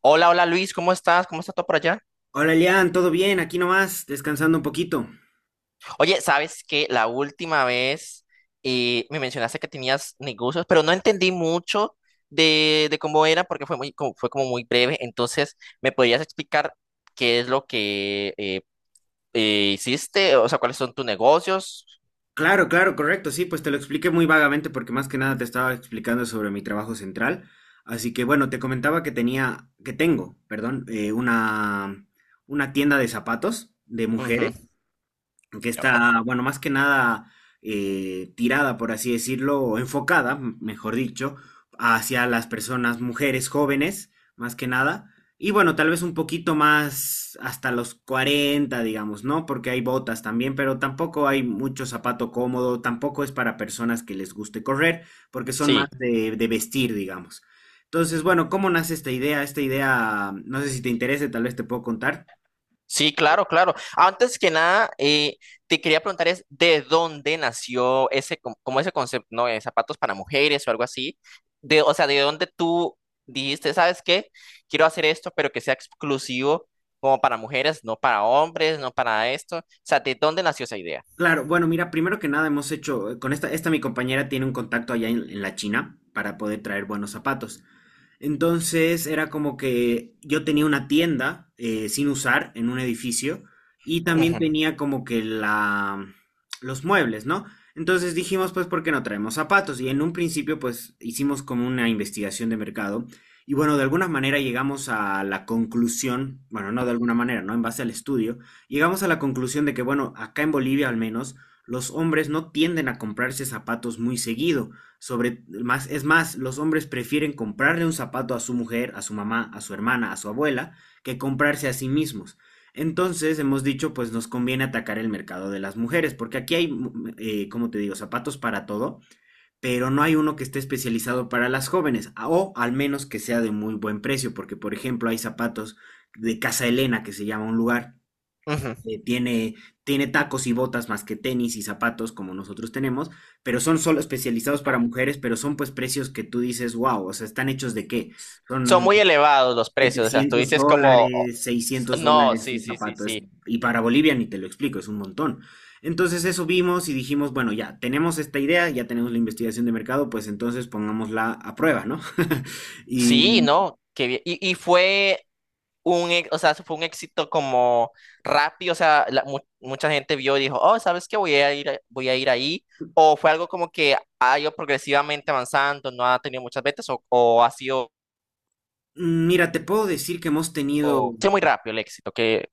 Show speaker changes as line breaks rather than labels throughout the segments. Hola, hola Luis, ¿cómo estás? ¿Cómo está todo por allá?
Hola Elian, ¿todo bien? Aquí nomás, descansando un poquito.
Oye, ¿sabes que la última vez me mencionaste que tenías negocios, pero no entendí mucho de cómo era porque fue muy, como, fue como muy breve. Entonces, ¿me podrías explicar qué es lo que hiciste? O sea, ¿cuáles son tus negocios?
Claro, claro, correcto, sí, pues te lo expliqué muy vagamente porque más que nada te estaba explicando sobre mi trabajo central. Así que bueno, te comentaba que tenía, que tengo, perdón, una tienda de zapatos de
Ujú.
mujeres, que está, bueno, más que nada tirada, por así decirlo, o enfocada, mejor dicho, hacia las personas, mujeres jóvenes, más que nada. Y bueno, tal vez un poquito más hasta los 40 digamos, ¿no? Porque hay botas también, pero tampoco hay mucho zapato cómodo, tampoco es para personas que les guste correr, porque son
Sí.
más de vestir, digamos. Entonces, bueno, ¿cómo nace esta idea? Esta idea, no sé si te interese, tal vez te puedo contar.
Sí, claro, claro. Antes que nada, te quería preguntar es de dónde nació ese, como ese concepto, ¿no?, de zapatos para mujeres o algo así. De, o sea, de dónde tú dijiste, ¿sabes qué? Quiero hacer esto, pero que sea exclusivo como para mujeres, no para hombres, no para esto. O sea, ¿de dónde nació esa idea?
Claro, bueno, mira, primero que nada hemos hecho, con esta mi compañera tiene un contacto allá en la China para poder traer buenos zapatos. Entonces era como que yo tenía una tienda sin usar en un edificio y también
Ujú,
tenía como que los muebles, ¿no? Entonces dijimos, pues, ¿por qué no traemos zapatos? Y en un principio, pues, hicimos como una investigación de mercado y bueno, de alguna manera llegamos a la conclusión, bueno, no de alguna manera, ¿no? En base al estudio, llegamos a la conclusión de que, bueno, acá en Bolivia al menos, los hombres no tienden a comprarse zapatos muy seguido. Es más, los hombres prefieren comprarle un zapato a su mujer, a su mamá, a su hermana, a su abuela, que comprarse a sí mismos. Entonces, hemos dicho, pues nos conviene atacar el mercado de las mujeres, porque aquí hay, como te digo, zapatos para todo, pero no hay uno que esté especializado para las jóvenes, o al menos que sea de muy buen precio, porque, por ejemplo, hay zapatos de Casa Elena, que se llama un lugar,
ujú.
eh, tiene, tiene tacos y botas más que tenis y zapatos como nosotros tenemos, pero son solo especializados para mujeres, pero son pues precios que tú dices, wow, o sea, ¿están hechos de qué?
Son
Son
muy elevados los precios, o sea, tú
700
dices como: "Oh,
dólares, seiscientos
no,
dólares
sí,
un
sí, sí, sí.
Y para Bolivia ni te lo explico, es un montón. Entonces eso vimos y dijimos, bueno, ya tenemos esta idea, ya tenemos la investigación de mercado, pues entonces pongámosla a prueba, ¿no? Y
Sí, no, qué bien. Y fue un, o sea, fue un éxito como rápido, o sea, mucha gente vio y dijo, oh, ¿sabes qué? Voy a ir, voy a ir ahí. O fue algo como que ha ido progresivamente avanzando, no ha tenido muchas ventas o ha sido,
mira, te puedo decir que hemos tenido.
ha sido muy rápido el éxito, que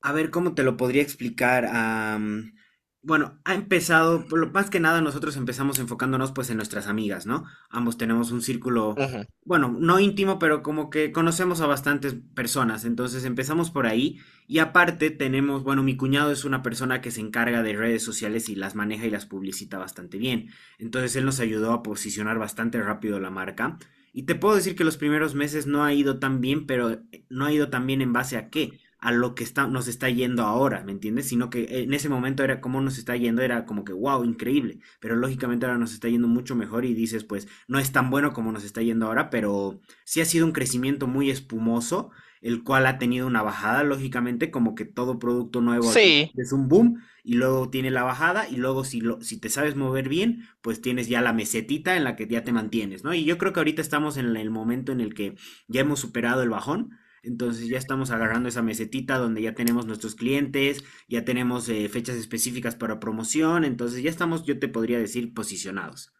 A ver, ¿cómo te lo podría explicar? Bueno, ha empezado, más que nada nosotros empezamos enfocándonos pues en nuestras amigas, ¿no? Ambos tenemos un círculo,
ujú.
bueno, no íntimo, pero como que conocemos a bastantes personas, entonces empezamos por ahí y aparte tenemos, bueno, mi cuñado es una persona que se encarga de redes sociales y las maneja y las publicita bastante bien, entonces él nos ayudó a posicionar bastante rápido la marca. Y te puedo decir que los primeros meses no ha ido tan bien, pero qué, no ha ido tan bien en base a qué, a lo que está, nos está yendo ahora, ¿me entiendes? Sino que en ese momento era como nos está yendo, era como que, wow, increíble, pero lógicamente ahora nos está yendo mucho mejor y dices, pues, no es tan bueno como nos está yendo ahora, pero sí ha sido un crecimiento muy espumoso, el cual ha tenido una bajada, lógicamente, como que todo producto nuevo al principio
Sí,
es un boom y luego tiene la bajada y luego si te sabes mover bien, pues tienes ya la mesetita en la que ya te mantienes, ¿no? Y yo creo que ahorita estamos en el momento en el que ya hemos superado el bajón, entonces ya estamos agarrando esa mesetita donde ya tenemos nuestros clientes, ya tenemos fechas específicas para promoción, entonces ya estamos, yo te podría decir, posicionados.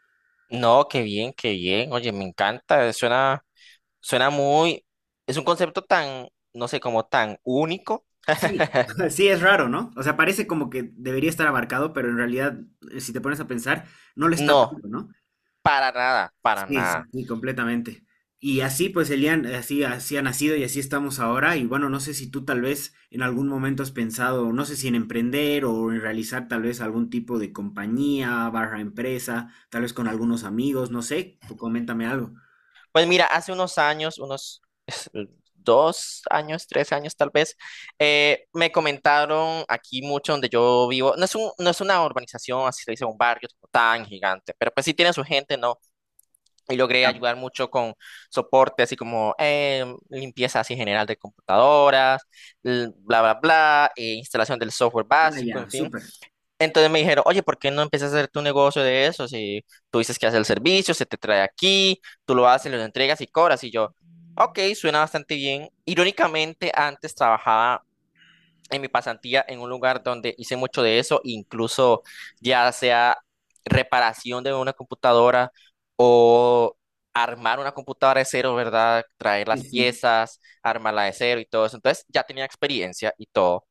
no, qué bien, oye, me encanta, suena muy, es un concepto tan, no sé, como tan único,
Sí, sí es raro, ¿no? O sea, parece como que debería estar abarcado, pero en realidad, si te pones a pensar, no lo está
no,
tanto, ¿no?
para nada, para
Sí, sí,
nada.
sí, completamente. Y así pues Elian, así, así ha nacido y así estamos ahora. Y bueno, no sé si tú tal vez en algún momento has pensado, no sé si en emprender o en realizar tal vez algún tipo de compañía, barra empresa, tal vez con algunos amigos, no sé, tú coméntame algo.
Pues mira, hace unos años, unos dos años, tres años tal vez, me comentaron aquí mucho donde yo vivo, no es un, no es una urbanización, así se dice, un barrio como tan gigante, pero pues sí tiene su gente, ¿no? Y logré
Ya.
ayudar mucho con soporte, así como limpieza así general de computadoras, bla, bla, bla, instalación del software
Ah,
básico, en
ya,
fin.
súper.
Entonces me dijeron, oye, ¿por qué no empiezas a hacer tu negocio de eso? Si tú dices que haces el servicio, se te trae aquí, tú lo haces, lo entregas y cobras. Y yo, ok, suena bastante bien. Irónicamente, antes trabajaba en mi pasantía en un lugar donde hice mucho de eso, incluso ya sea reparación de una computadora o armar una computadora de cero, ¿verdad? Traer
Sí,
las
sí.
piezas, armarla de cero y todo eso. Entonces ya tenía experiencia y todo.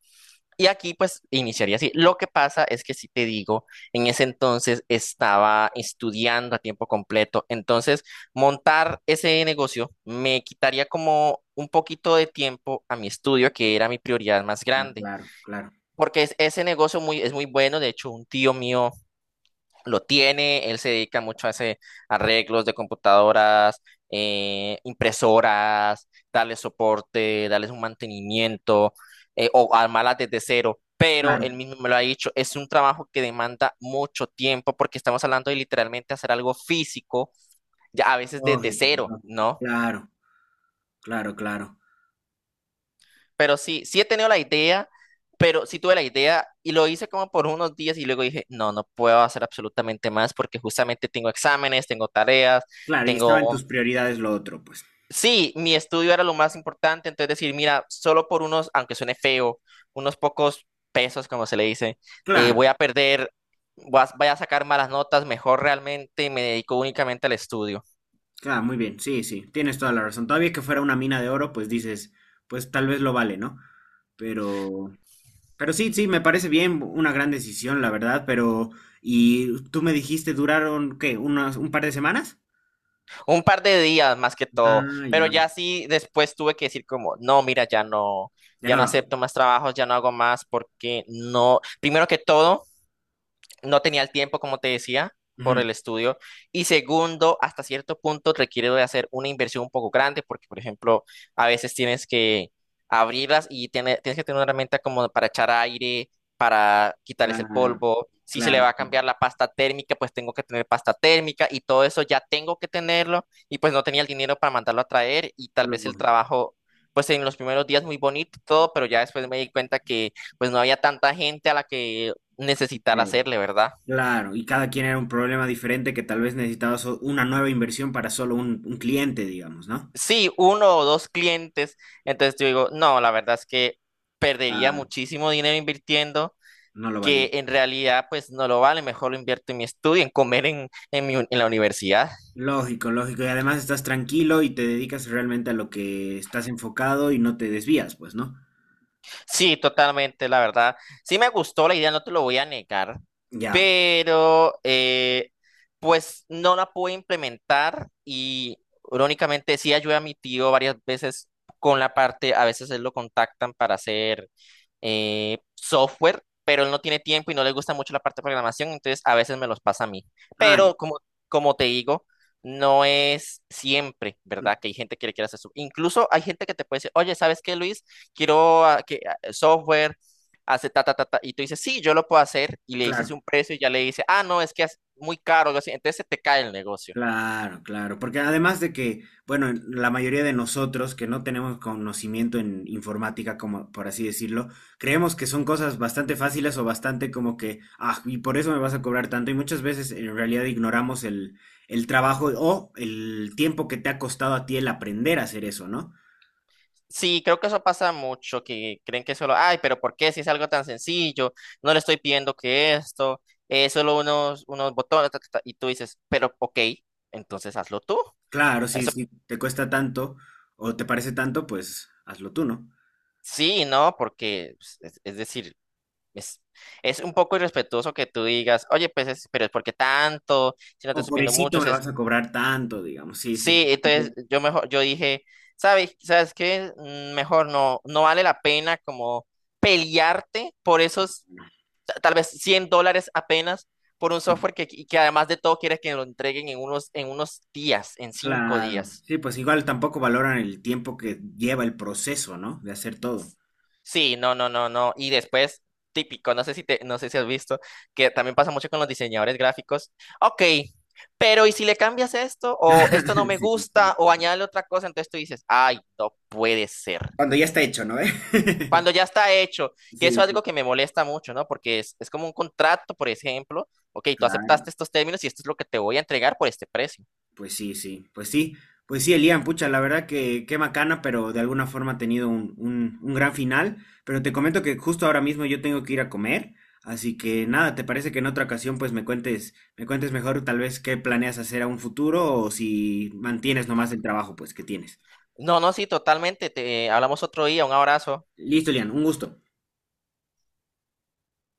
Y aquí pues iniciaría así. Lo que pasa es que si te digo, en ese entonces estaba estudiando a tiempo completo, entonces montar ese negocio me quitaría como un poquito de tiempo a mi estudio, que era mi prioridad más
Ah,
grande,
claro, claro,
porque es, ese negocio muy, es muy bueno, de hecho un tío mío lo tiene, él se dedica mucho a hacer arreglos de computadoras, impresoras, darles soporte, darles un mantenimiento o armarlas desde cero. Pero
claro.
él mismo me lo ha dicho, es un trabajo que demanda mucho tiempo porque estamos hablando de literalmente hacer algo físico, ya a veces desde
Lógico,
cero,
lógico.
¿no?
Claro, claro, claro.
Pero sí, sí he tenido la idea, pero sí tuve la idea y lo hice como por unos días y luego dije, no, no puedo hacer absolutamente más porque justamente tengo exámenes, tengo tareas,
Claro, y estaba en
tengo
tus prioridades lo otro, pues.
Sí, mi estudio era lo más importante, entonces decir, mira, solo por unos, aunque suene feo, unos pocos pesos, como se le dice, voy
Claro.
a perder, voy a, voy a sacar malas notas, mejor realmente me dedico únicamente al estudio.
Claro, muy bien, sí, sí, tienes toda la razón. Todavía que fuera una mina de oro, pues dices, pues tal vez lo vale, ¿no? Pero, pero sí, sí, me parece bien, una gran decisión, la verdad, pero, y tú me dijiste, duraron, ¿qué? ¿Un par de semanas?
Un par de días más que todo,
Ah,
pero
ya,
ya sí, después tuve que decir como, no, mira, ya no,
ya
ya
no
no
lo hago.
acepto más trabajos, ya no hago más, porque no, primero que todo. No tenía el tiempo, como te decía, por
Ujú.
el estudio. Y segundo, hasta cierto punto requiere de hacer una inversión un poco grande, porque, por ejemplo, a veces tienes que abrirlas y tienes que tener una herramienta como para echar aire, para quitarles el
Claro,
polvo. Si se le
claro,
va a cambiar la pasta térmica, pues tengo que tener pasta térmica y todo eso ya tengo que tenerlo. Y pues no tenía el dinero para mandarlo a traer y tal vez el
lógico,
trabajo. Pues en los primeros días muy bonito y todo, pero ya después me di cuenta que pues no había tanta gente a la que necesitar
eh,
hacerle, ¿verdad?
claro, y cada quien era un problema diferente que tal vez necesitaba una nueva inversión para solo un cliente, digamos, ¿no?
Sí, uno o dos clientes, entonces yo digo, no, la verdad es que perdería
Ah,
muchísimo dinero invirtiendo,
no lo valía.
que en realidad pues no lo vale, mejor lo invierto en mi estudio, en comer en, en la universidad.
Lógico, lógico. Y además estás tranquilo y te dedicas realmente a lo que estás enfocado y no te desvías, pues, ¿no?
Sí, totalmente, la verdad. Sí me gustó la idea, no te lo voy a negar,
Ya.
pero pues no la pude implementar y irónicamente sí ayudé a mi tío varias veces con la parte, a veces él lo contactan para hacer software, pero él no tiene tiempo y no le gusta mucho la parte de programación, entonces a veces me los pasa a mí.
Ah,
Pero como te digo, no es siempre,
mm,
¿verdad? Que hay gente que le quiere hacer eso. Incluso hay gente que te puede decir, oye, ¿sabes qué, Luis? Quiero ah, que software, hace ta, ta, ta, ta, y tú dices, sí, yo lo puedo hacer, y le dices
claro,
un precio y ya le dice, ah, no, es que es muy caro, algo así. Entonces se te cae el negocio.
claro, claro. Porque además de que, bueno, la mayoría de nosotros que no tenemos conocimiento en informática, como por así decirlo, creemos que son cosas bastante fáciles o bastante como que, ah, y por eso me vas a cobrar tanto. Y muchas veces en realidad ignoramos el trabajo o el tiempo que te ha costado a ti el aprender a hacer eso, ¿no?
Sí, creo que eso pasa mucho, que creen que solo, ay, pero ¿por qué si es algo tan sencillo? No le estoy pidiendo que esto, es solo unos, unos botones, ta, ta, ta", y tú dices, pero ok, entonces hazlo tú.
Claro, si,
Eso
si te cuesta tanto o te parece tanto, pues hazlo tú, ¿no?
sí, ¿no? Porque pues, es decir, es, es un poco irrespetuoso que tú digas, oye, pues, es, pero es porque tanto, si no
O
te estoy pidiendo
pobrecito
mucho,
me
es,
vas a cobrar tanto, digamos. Sí, sí.
sí, entonces yo mejor, yo dije, ¿sabes, sabes qué? Mm, mejor no, no vale la pena como pelearte por esos tal vez $100 apenas por un
Sí,
software que además de todo quieres que lo entreguen en unos días, en cinco
claro.
días.
Sí, pues igual tampoco valoran el tiempo que lleva el proceso, ¿no? De hacer todo.
Sí, no, no, no, no. Y después, típico, no sé si te, no sé si has visto, que también pasa mucho con los diseñadores gráficos. Ok, pero ¿y si le cambias esto? O esto no me
Sí,
gusta,
sí.
o añade otra cosa, entonces tú dices, ay, no puede ser.
Cuando ya está hecho, ¿no? ¿Eh?
Cuando ya está hecho, que eso
Sí,
es
sí,
algo que me molesta mucho, ¿no? Porque es como un contrato, por ejemplo, ok, tú
claro.
aceptaste estos términos y esto es lo que te voy a entregar por este precio.
Pues sí, sí, pues sí, pues sí, Elian, pucha, la verdad que qué macana, pero de alguna forma ha tenido un gran final. Pero te comento que justo ahora mismo yo tengo que ir a comer, así que nada, ¿te parece que en otra ocasión pues me cuentes mejor tal vez qué planeas hacer a un futuro o si mantienes nomás el trabajo pues que tienes?
No, no, sí, totalmente, te hablamos otro día, un abrazo.
Listo, Elian, un gusto.